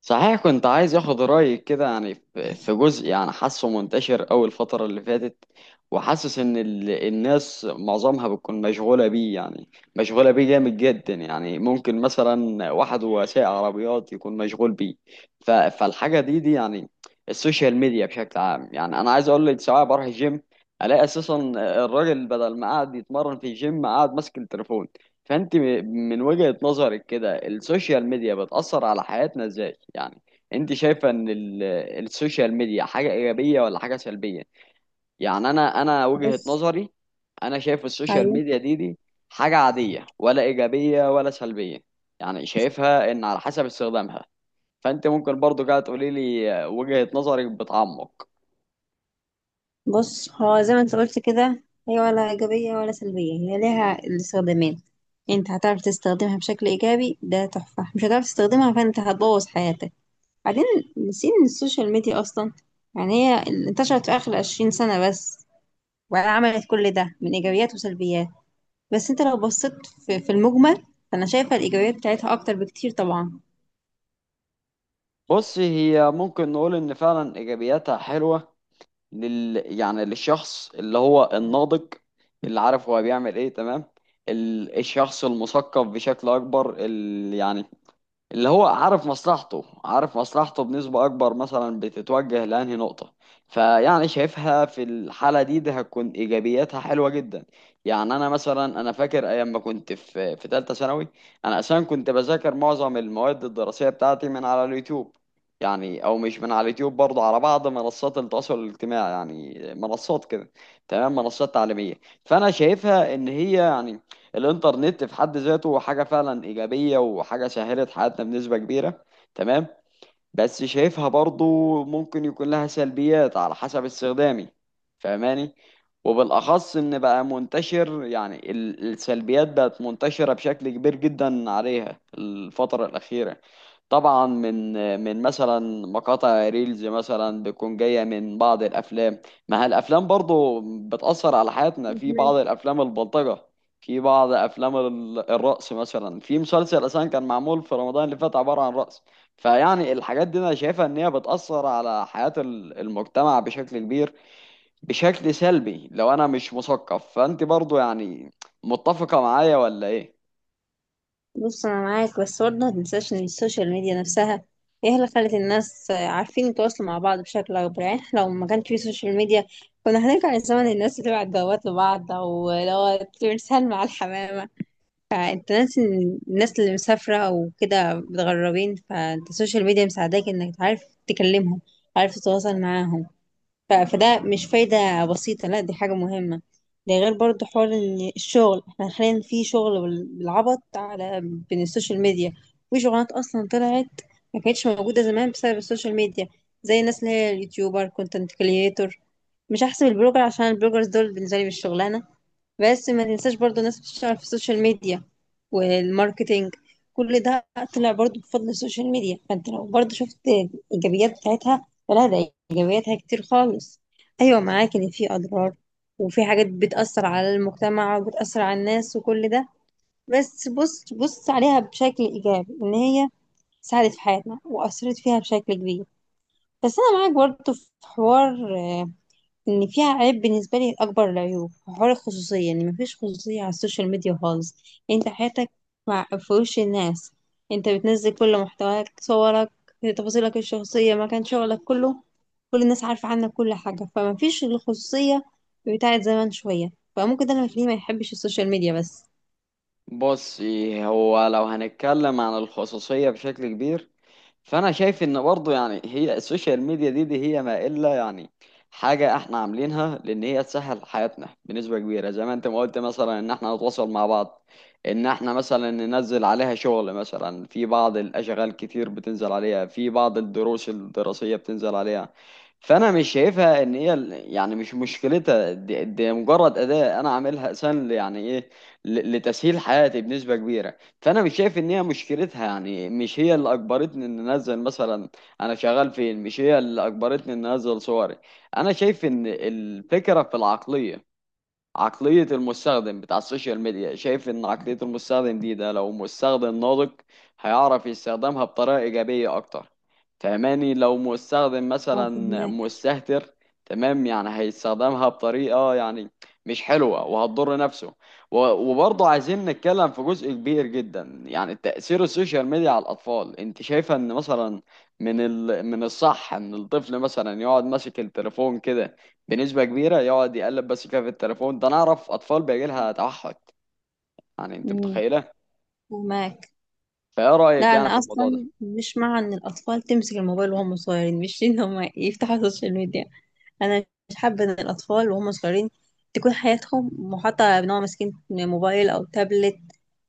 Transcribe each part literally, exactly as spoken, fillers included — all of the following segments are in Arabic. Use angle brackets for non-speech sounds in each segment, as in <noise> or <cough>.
صحيح كنت عايز اخد رايك كده يعني في في جزء يعني حاسه منتشر أوي الفتره اللي فاتت. وحاسس ان ال- الناس معظمها بتكون مشغوله بيه يعني، مشغوله بيه جامد جدا. يعني ممكن مثلا واحد وسائق عربيات يكون مشغول بيه، ف- فالحاجه دي دي يعني السوشيال ميديا بشكل عام. يعني انا عايز اقول لك، سواء بروح الجيم الاقي اساسا الراجل بدل ما قاعد يتمرن في الجيم قاعد ماسك التليفون. فانت م- من وجهة نظرك كده السوشيال ميديا بتأثر على حياتنا ازاي يعني؟ انت شايفة ان ال- السوشيال ميديا حاجة ايجابية ولا حاجة سلبية؟ يعني انا انا وجهة بص، نظري، انا شايف السوشيال ايوه. ميديا دي دي حاجة عادية ولا ايجابية ولا سلبية، يعني شايفها ان على حسب استخدامها. فانت ممكن برضو قاعد تقولي لي وجهة نظرك بتعمق. بص، هو زي ما انت قلت كده، هي ولا ايجابيه ولا سلبيه، هي ليها الاستخدامين. انت هتعرف تستخدمها بشكل ايجابي ده تحفه، مش هتعرف تستخدمها فانت هتبوظ حياتك. بعدين نسينا إن السوشيال ميديا اصلا يعني هي انتشرت في اخر عشرين سنه بس، وعملت كل ده من ايجابيات وسلبيات. بس انت لو بصيت في, في المجمل، فانا شايفه الايجابيات بتاعتها اكتر بكتير طبعا. بص هي ممكن نقول ان فعلا ايجابياتها حلوة لل يعني للشخص اللي هو الناضج، اللي عارف هو بيعمل ايه، تمام؟ ال- الشخص المثقف بشكل اكبر، اللي يعني اللي هو عارف مصلحته، عارف مصلحته بنسبة أكبر، مثلا بتتوجه لأنهي نقطة. فيعني شايفها في الحالة دي ده هتكون إيجابياتها حلوة جدا. يعني أنا مثلا أنا فاكر أيام ما كنت في في تالتة ثانوي أنا أساسا كنت بذاكر معظم المواد الدراسية بتاعتي من على اليوتيوب. يعني أو مش من على اليوتيوب، برضه على بعض منصات التواصل الاجتماعي، يعني منصات كده، تمام، منصات تعليمية. فأنا شايفها إن هي يعني الانترنت في حد ذاته حاجة فعلا إيجابية وحاجة سهلت حياتنا بنسبة كبيرة، تمام؟ بس شايفها برضو ممكن يكون لها سلبيات على حسب استخدامي، فاهماني؟ وبالأخص إن بقى منتشر، يعني ال- السلبيات بقت منتشرة بشكل كبير جدا عليها الفترة الأخيرة. طبعا من من مثلا مقاطع ريلز مثلا بتكون جاية من بعض الأفلام. ما هي الأفلام برضو بتأثر على حياتنا، في بعض الأفلام البلطجة، في بعض أفلام ال- الرقص، مثلا في مسلسل أساسا كان معمول في رمضان اللي فات عبارة عن رقص. فيعني الحاجات دي انا شايفها ان هي بتأثر على حياة ال- المجتمع بشكل كبير، بشكل سلبي، لو انا مش مثقف. فانت برضو يعني متفقة معايا ولا ايه؟ بص انا معاك، بس برضه ما تنساش ان السوشيال ميديا نفسها هي اللي خلت الناس عارفين يتواصلوا مع بعض بشكل اكبر. يعني إحنا لو ما كانش في سوشيال ميديا كنا هنرجع لزمن الناس بتبعت جوابات لبعض، او لو بترسل مع الحمامه. فانت ناسي إن الناس اللي مسافره او كده متغربين، فانت السوشيال ميديا مساعداك انك تعرف تكلمهم، عارف تتواصل معاهم. ف- فده مش فايدة بسيطة، لا دي حاجة مهمة. ده غير برضو حوار ان الشغل، احنا حاليا في شغل بال- بالعبط على بين السوشيال ميديا. وفي شغلانات اصلا طلعت، ما كانتش موجودة زمان، بسبب السوشيال ميديا. زي الناس اللي هي اليوتيوبر، كونتنت كريتور. مش هحسب البلوجر عشان البلوجرز دول بالنسبة لي مش شغلانة. بس ما تنساش برضو الناس بتشتغل في السوشيال ميديا والماركتينج، كل ده طلع برضو بفضل السوشيال ميديا. فانت لو برضو شفت الايجابيات بتاعتها، فلا ده ايجابياتها كتير خالص. ايوه معاك ان في اضرار وفي حاجات بتأثر على المجتمع وبتأثر على الناس وكل ده، بس بص، بص عليها بشكل ايجابي ان هي ساعدت في حياتنا واثرت فيها بشكل كبير. بس انا معاك برضو في حوار، آه، ان فيها عيب. بالنسبه لي اكبر العيوب حوار الخصوصيه، ان مفيش خصوصيه على السوشيال ميديا خالص. انت حياتك مع في وش الناس، انت بتنزل كل محتواك، صورك، تفاصيلك الشخصيه، مكان شغلك كله، كل الناس عارفه عنك كل حاجه، فمفيش الخصوصيه بتاعت زمان شويه. فممكن ده اللي مخليه ما يحبش السوشيال ميديا بس. بصي هو لو هنتكلم عن الخصوصية بشكل كبير، فانا شايف ان برضه يعني هي السوشيال ميديا دي, دي هي ما الا يعني حاجه احنا عاملينها لان هي تسهل حياتنا بنسبه كبيره، زي ما انت ما قلت مثلا، ان احنا نتواصل مع بعض، ان احنا مثلا ننزل عليها شغل، مثلا في بعض الاشغال كتير بتنزل عليها، في بعض الدروس الدراسيه بتنزل عليها. فانا مش شايفها ان هي ال- يعني مش مشكلتها، دي, دي مجرد اداه انا عاملها اساسا يعني ايه ل- لتسهيل حياتي بنسبه كبيره. فانا مش شايف ان هي مشكلتها، يعني مش هي اللي اجبرتني ان انزل مثلا انا شغال فين، مش هي اللي اجبرتني ان انزل صوري. انا شايف ان الفكره في العقليه، عقلية المستخدم بتاع السوشيال ميديا، شايف ان عقلية المستخدم دي ده لو مستخدم ناضج هيعرف يستخدمها بطريقة ايجابية اكتر، فهماني؟ لو مستخدم اه، مثلا فهماك. مستهتر، تمام، يعني هيستخدمها بطريقة يعني مش حلوة وهتضر نفسه. و- وبرضه عايزين نتكلم في جزء كبير جدا يعني تأثير السوشيال ميديا على الأطفال. انت شايفة ان مثلا من ال... من الصح ان الطفل مثلا يقعد ماسك التليفون كده بنسبة كبيرة، يقعد يقلب بس كده في التليفون ده؟ أنا أعرف أطفال بيجي لها توحد، يعني أنت امم. متخيلة؟ فهماك. فإيه رأيك لا يعني في انا الموضوع ده؟ اصلا مش مع ان الاطفال تمسك الموبايل وهم صغيرين، مش ان هم يفتحوا <laughs> السوشيال ميديا. انا مش حابه ان الاطفال وهم صغيرين تكون حياتهم محاطه بان هو ماسكين موبايل او تابلت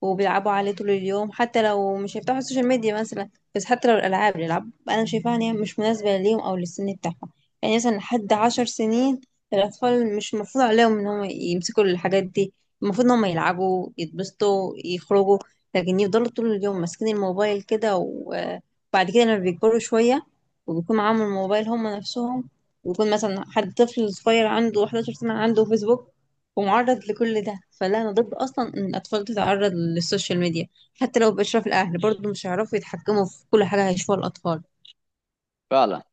وبيلعبوا عليه طول اليوم، حتى لو مش هيفتحوا السوشيال ميديا مثلا. بس حتى لو الالعاب، الالعاب انا شايفاها ان هي مش مناسبه ليهم او للسن بتاعهم. يعني مثلا لحد عشر سنين، الاطفال مش المفروض عليهم ان هم يمسكوا الحاجات دي. المفروض ان هم يلعبوا، يتبسطوا، يخرجوا. لكن يفضلوا طول اليوم ماسكين الموبايل كده، و- وبعد كده لما بيكبروا شويه وبيكون معاهم الموبايل هم نفسهم، ويكون مثلا حد طفل صغير عنده احد عشر سنة عنده فيسبوك ومعرض لكل ده. فلا أنا ضد أصلا إن الأطفال تتعرض للسوشيال ميديا. حتى لو بإشراف الأهل برضه مش هيعرفوا يتحكموا في كل حاجة هيشوفوها الأطفال. فعلا،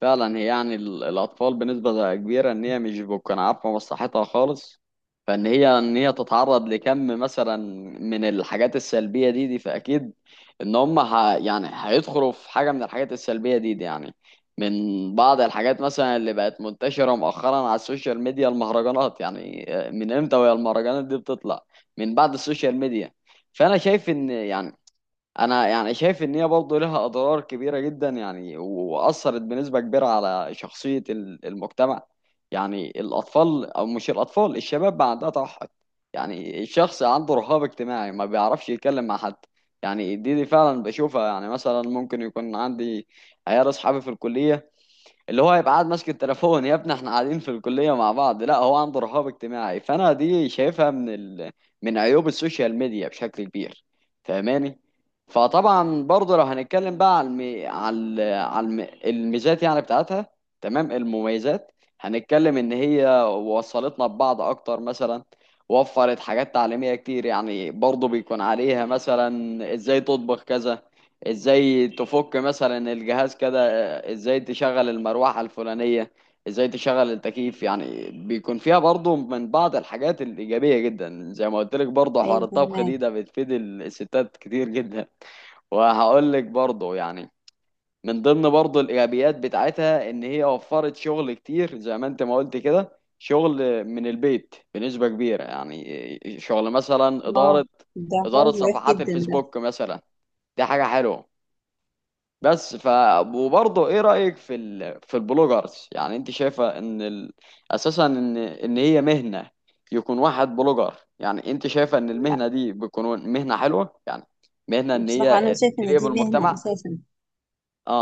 فعلا هي يعني ال- الأطفال بنسبة كبيرة إن هي مش بتكون عارفة مصلحتها خالص، فإن هي إن هي تتعرض لكم مثلا من الحاجات السلبية دي دي فأكيد إن هم ه... يعني هيدخلوا في حاجة من الحاجات السلبية دي دي يعني، من بعض الحاجات مثلا اللي بقت منتشرة مؤخرا على السوشيال ميديا المهرجانات. يعني آه، من إمتى وهي المهرجانات دي بتطلع؟ من بعد السوشيال ميديا. فأنا شايف إن يعني انا يعني شايف ان هي برضه لها اضرار كبيره جدا يعني و- واثرت بنسبه كبيره على شخصيه ال- المجتمع. يعني الاطفال او مش الاطفال، الشباب بقى عندها توحد، يعني الشخص عنده رهاب اجتماعي ما بيعرفش يتكلم مع حد. يعني دي, دي فعلا بشوفها، يعني مثلا ممكن يكون عندي عيال اصحابي في الكليه اللي هو هيبقى قاعد ماسك التليفون. يا ابني احنا قاعدين في الكلية مع بعض، لا هو عنده رهاب اجتماعي. فانا دي شايفها من ال... من عيوب السوشيال ميديا بشكل كبير، فاهماني؟ فطبعا برضه لو هنتكلم بقى على الم... على ال- على الم... الميزات يعني بتاعتها، تمام، المميزات. هنتكلم ان هي وصلتنا ببعض اكتر مثلا، وفرت حاجات تعليمية كتير، يعني برضه بيكون عليها مثلا ازاي تطبخ كذا، ازاي تفك مثلا الجهاز كده، ازاي تشغل المروحة الفلانية، ازاي تشغل التكييف. يعني بيكون فيها برضو من بعض الحاجات الإيجابية جدا، زي ما قلت لك برضو حوار ايوه الطبخ فهماك. دي ده بتفيد الستات كتير جدا. وهقول لك برضو يعني من ضمن برضو الإيجابيات بتاعتها إن هي وفرت شغل كتير، زي ما أنت ما قلت كده شغل من البيت بنسبة كبيرة، يعني شغل مثلا اه، إدارة، ده حوار إدارة مريح صفحات جدا ده. الفيسبوك مثلا، دي حاجة حلوة. بس ف وبرضه ايه رأيك في ال... في البلوجرز؟ يعني انت شايفة ان ال... اساسا ان ان هي مهنة، يكون واحد بلوجر؟ يعني انت شايفة ان لا، المهنة دي بتكون مهنة حلوة يعني، مهنة ان بصراحة انا هي شايفة ان قريبة دي من مهنة المجتمع؟ اساسا،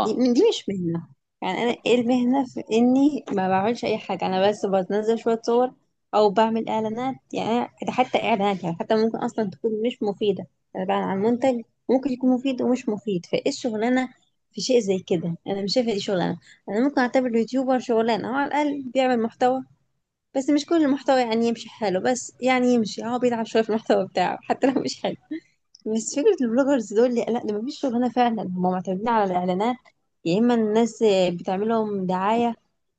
دي من، دي مش مهنة. يعني انا ايه المهنة في اني ما بعملش اي حاجة، انا بس بنزل شوية صور او بعمل اعلانات. يعني أنا- ده حتى اعلانات يعني حتى ممكن اصلا تكون مش مفيدة، انا بعلن عن منتج ممكن يكون مفيد ومش مفيد. فايه الشغلانة في شيء زي كده؟ انا مش شايفة دي شغلانة. انا ممكن اعتبر اليوتيوبر شغلانة، هو على الاقل بيعمل محتوى، بس مش كل المحتوى يعني يمشي حاله، بس يعني يمشي، هو بيلعب شوية في المحتوى بتاعه حتى لو مش حلو. بس فكرة البلوجرز دول لا، لا، ده مفيش شغلانة فعلا. هما معتمدين على الإعلانات، يا إما الناس آه، بتعمل لهم دعاية،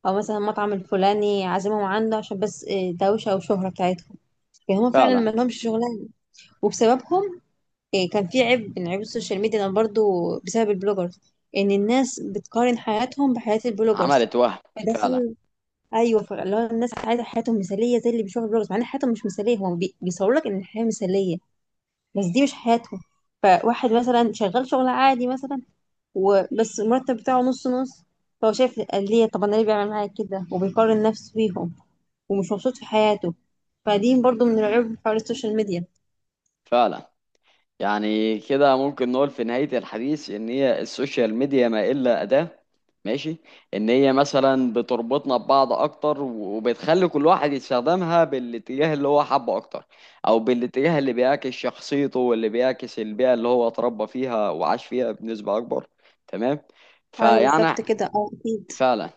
أو مثلا المطعم الفلاني عازمهم عنده عشان بس آه، دوشة وشهرة بتاعتهم. فهم فعلا فعلا، ما لهمش شغلانة. وبسببهم، آه، كان في عيب من عيوب السوشيال ميديا أنا برضو، بسبب البلوجرز، إن الناس بتقارن حياتهم بحياة البلوجرز. عملت وهم، فعلا، فدخل. أيوه، فاللي هو الناس عايزة حياتهم مثالية زي اللي بيشوفوا البلوجرز، مع إن حياتهم مش مثالية. هو بي- بيصور لك إن الحياة مثالية، بس دي مش حياته. فواحد مثلا شغال شغل عادي مثلا وبس، المرتب بتاعه نص نص، فهو شايف ليه، طب انا ليه بيعمل معايا كده، وبيقارن نفسه بيهم ومش مبسوط في حياته. فدي برضو من العيوب حوار السوشيال ميديا. فعلا. يعني كده ممكن نقول في نهاية الحديث إن هي السوشيال ميديا ما إلا أداة، ماشي، إن هي مثلا بتربطنا ببعض أكتر وبتخلي كل واحد يستخدمها بالاتجاه اللي هو حبه أكتر، أو بالاتجاه اللي بيعكس شخصيته واللي بيعكس البيئة اللي هو اتربى فيها وعاش فيها بنسبة أكبر، تمام. ايوه فيعني بالظبط كده، اه اكيد. فعلا،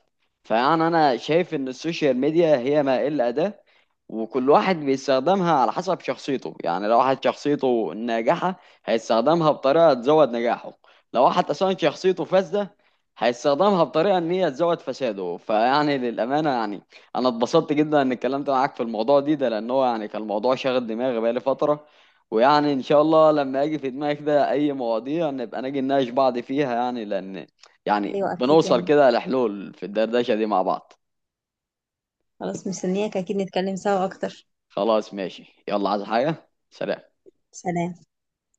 فيعني انا شايف ان السوشيال ميديا هي ما الا اداة، وكل واحد بيستخدمها على حسب شخصيته. يعني لو واحد شخصيته ناجحة هيستخدمها بطريقة تزود نجاحه، لو واحد اصلا شخصيته فاسدة هيستخدمها بطريقة ان هي تزود فساده. فيعني للأمانة يعني انا اتبسطت جدا ان اتكلمت معاك في الموضوع دي ده، لان هو يعني كان الموضوع شاغل دماغي بقالي فترة. ويعني ان شاء الله لما اجي في دماغي كده اي مواضيع نبقى نجي نناقش بعض فيها، يعني لان يعني ايوه اكيد بنوصل يعني. كده لحلول في الدردشه دي مع بعض. خلاص، مستنياك اكيد نتكلم سوا اكتر. خلاص ماشي، يلا، عايز حاجه؟ سلام. سلام.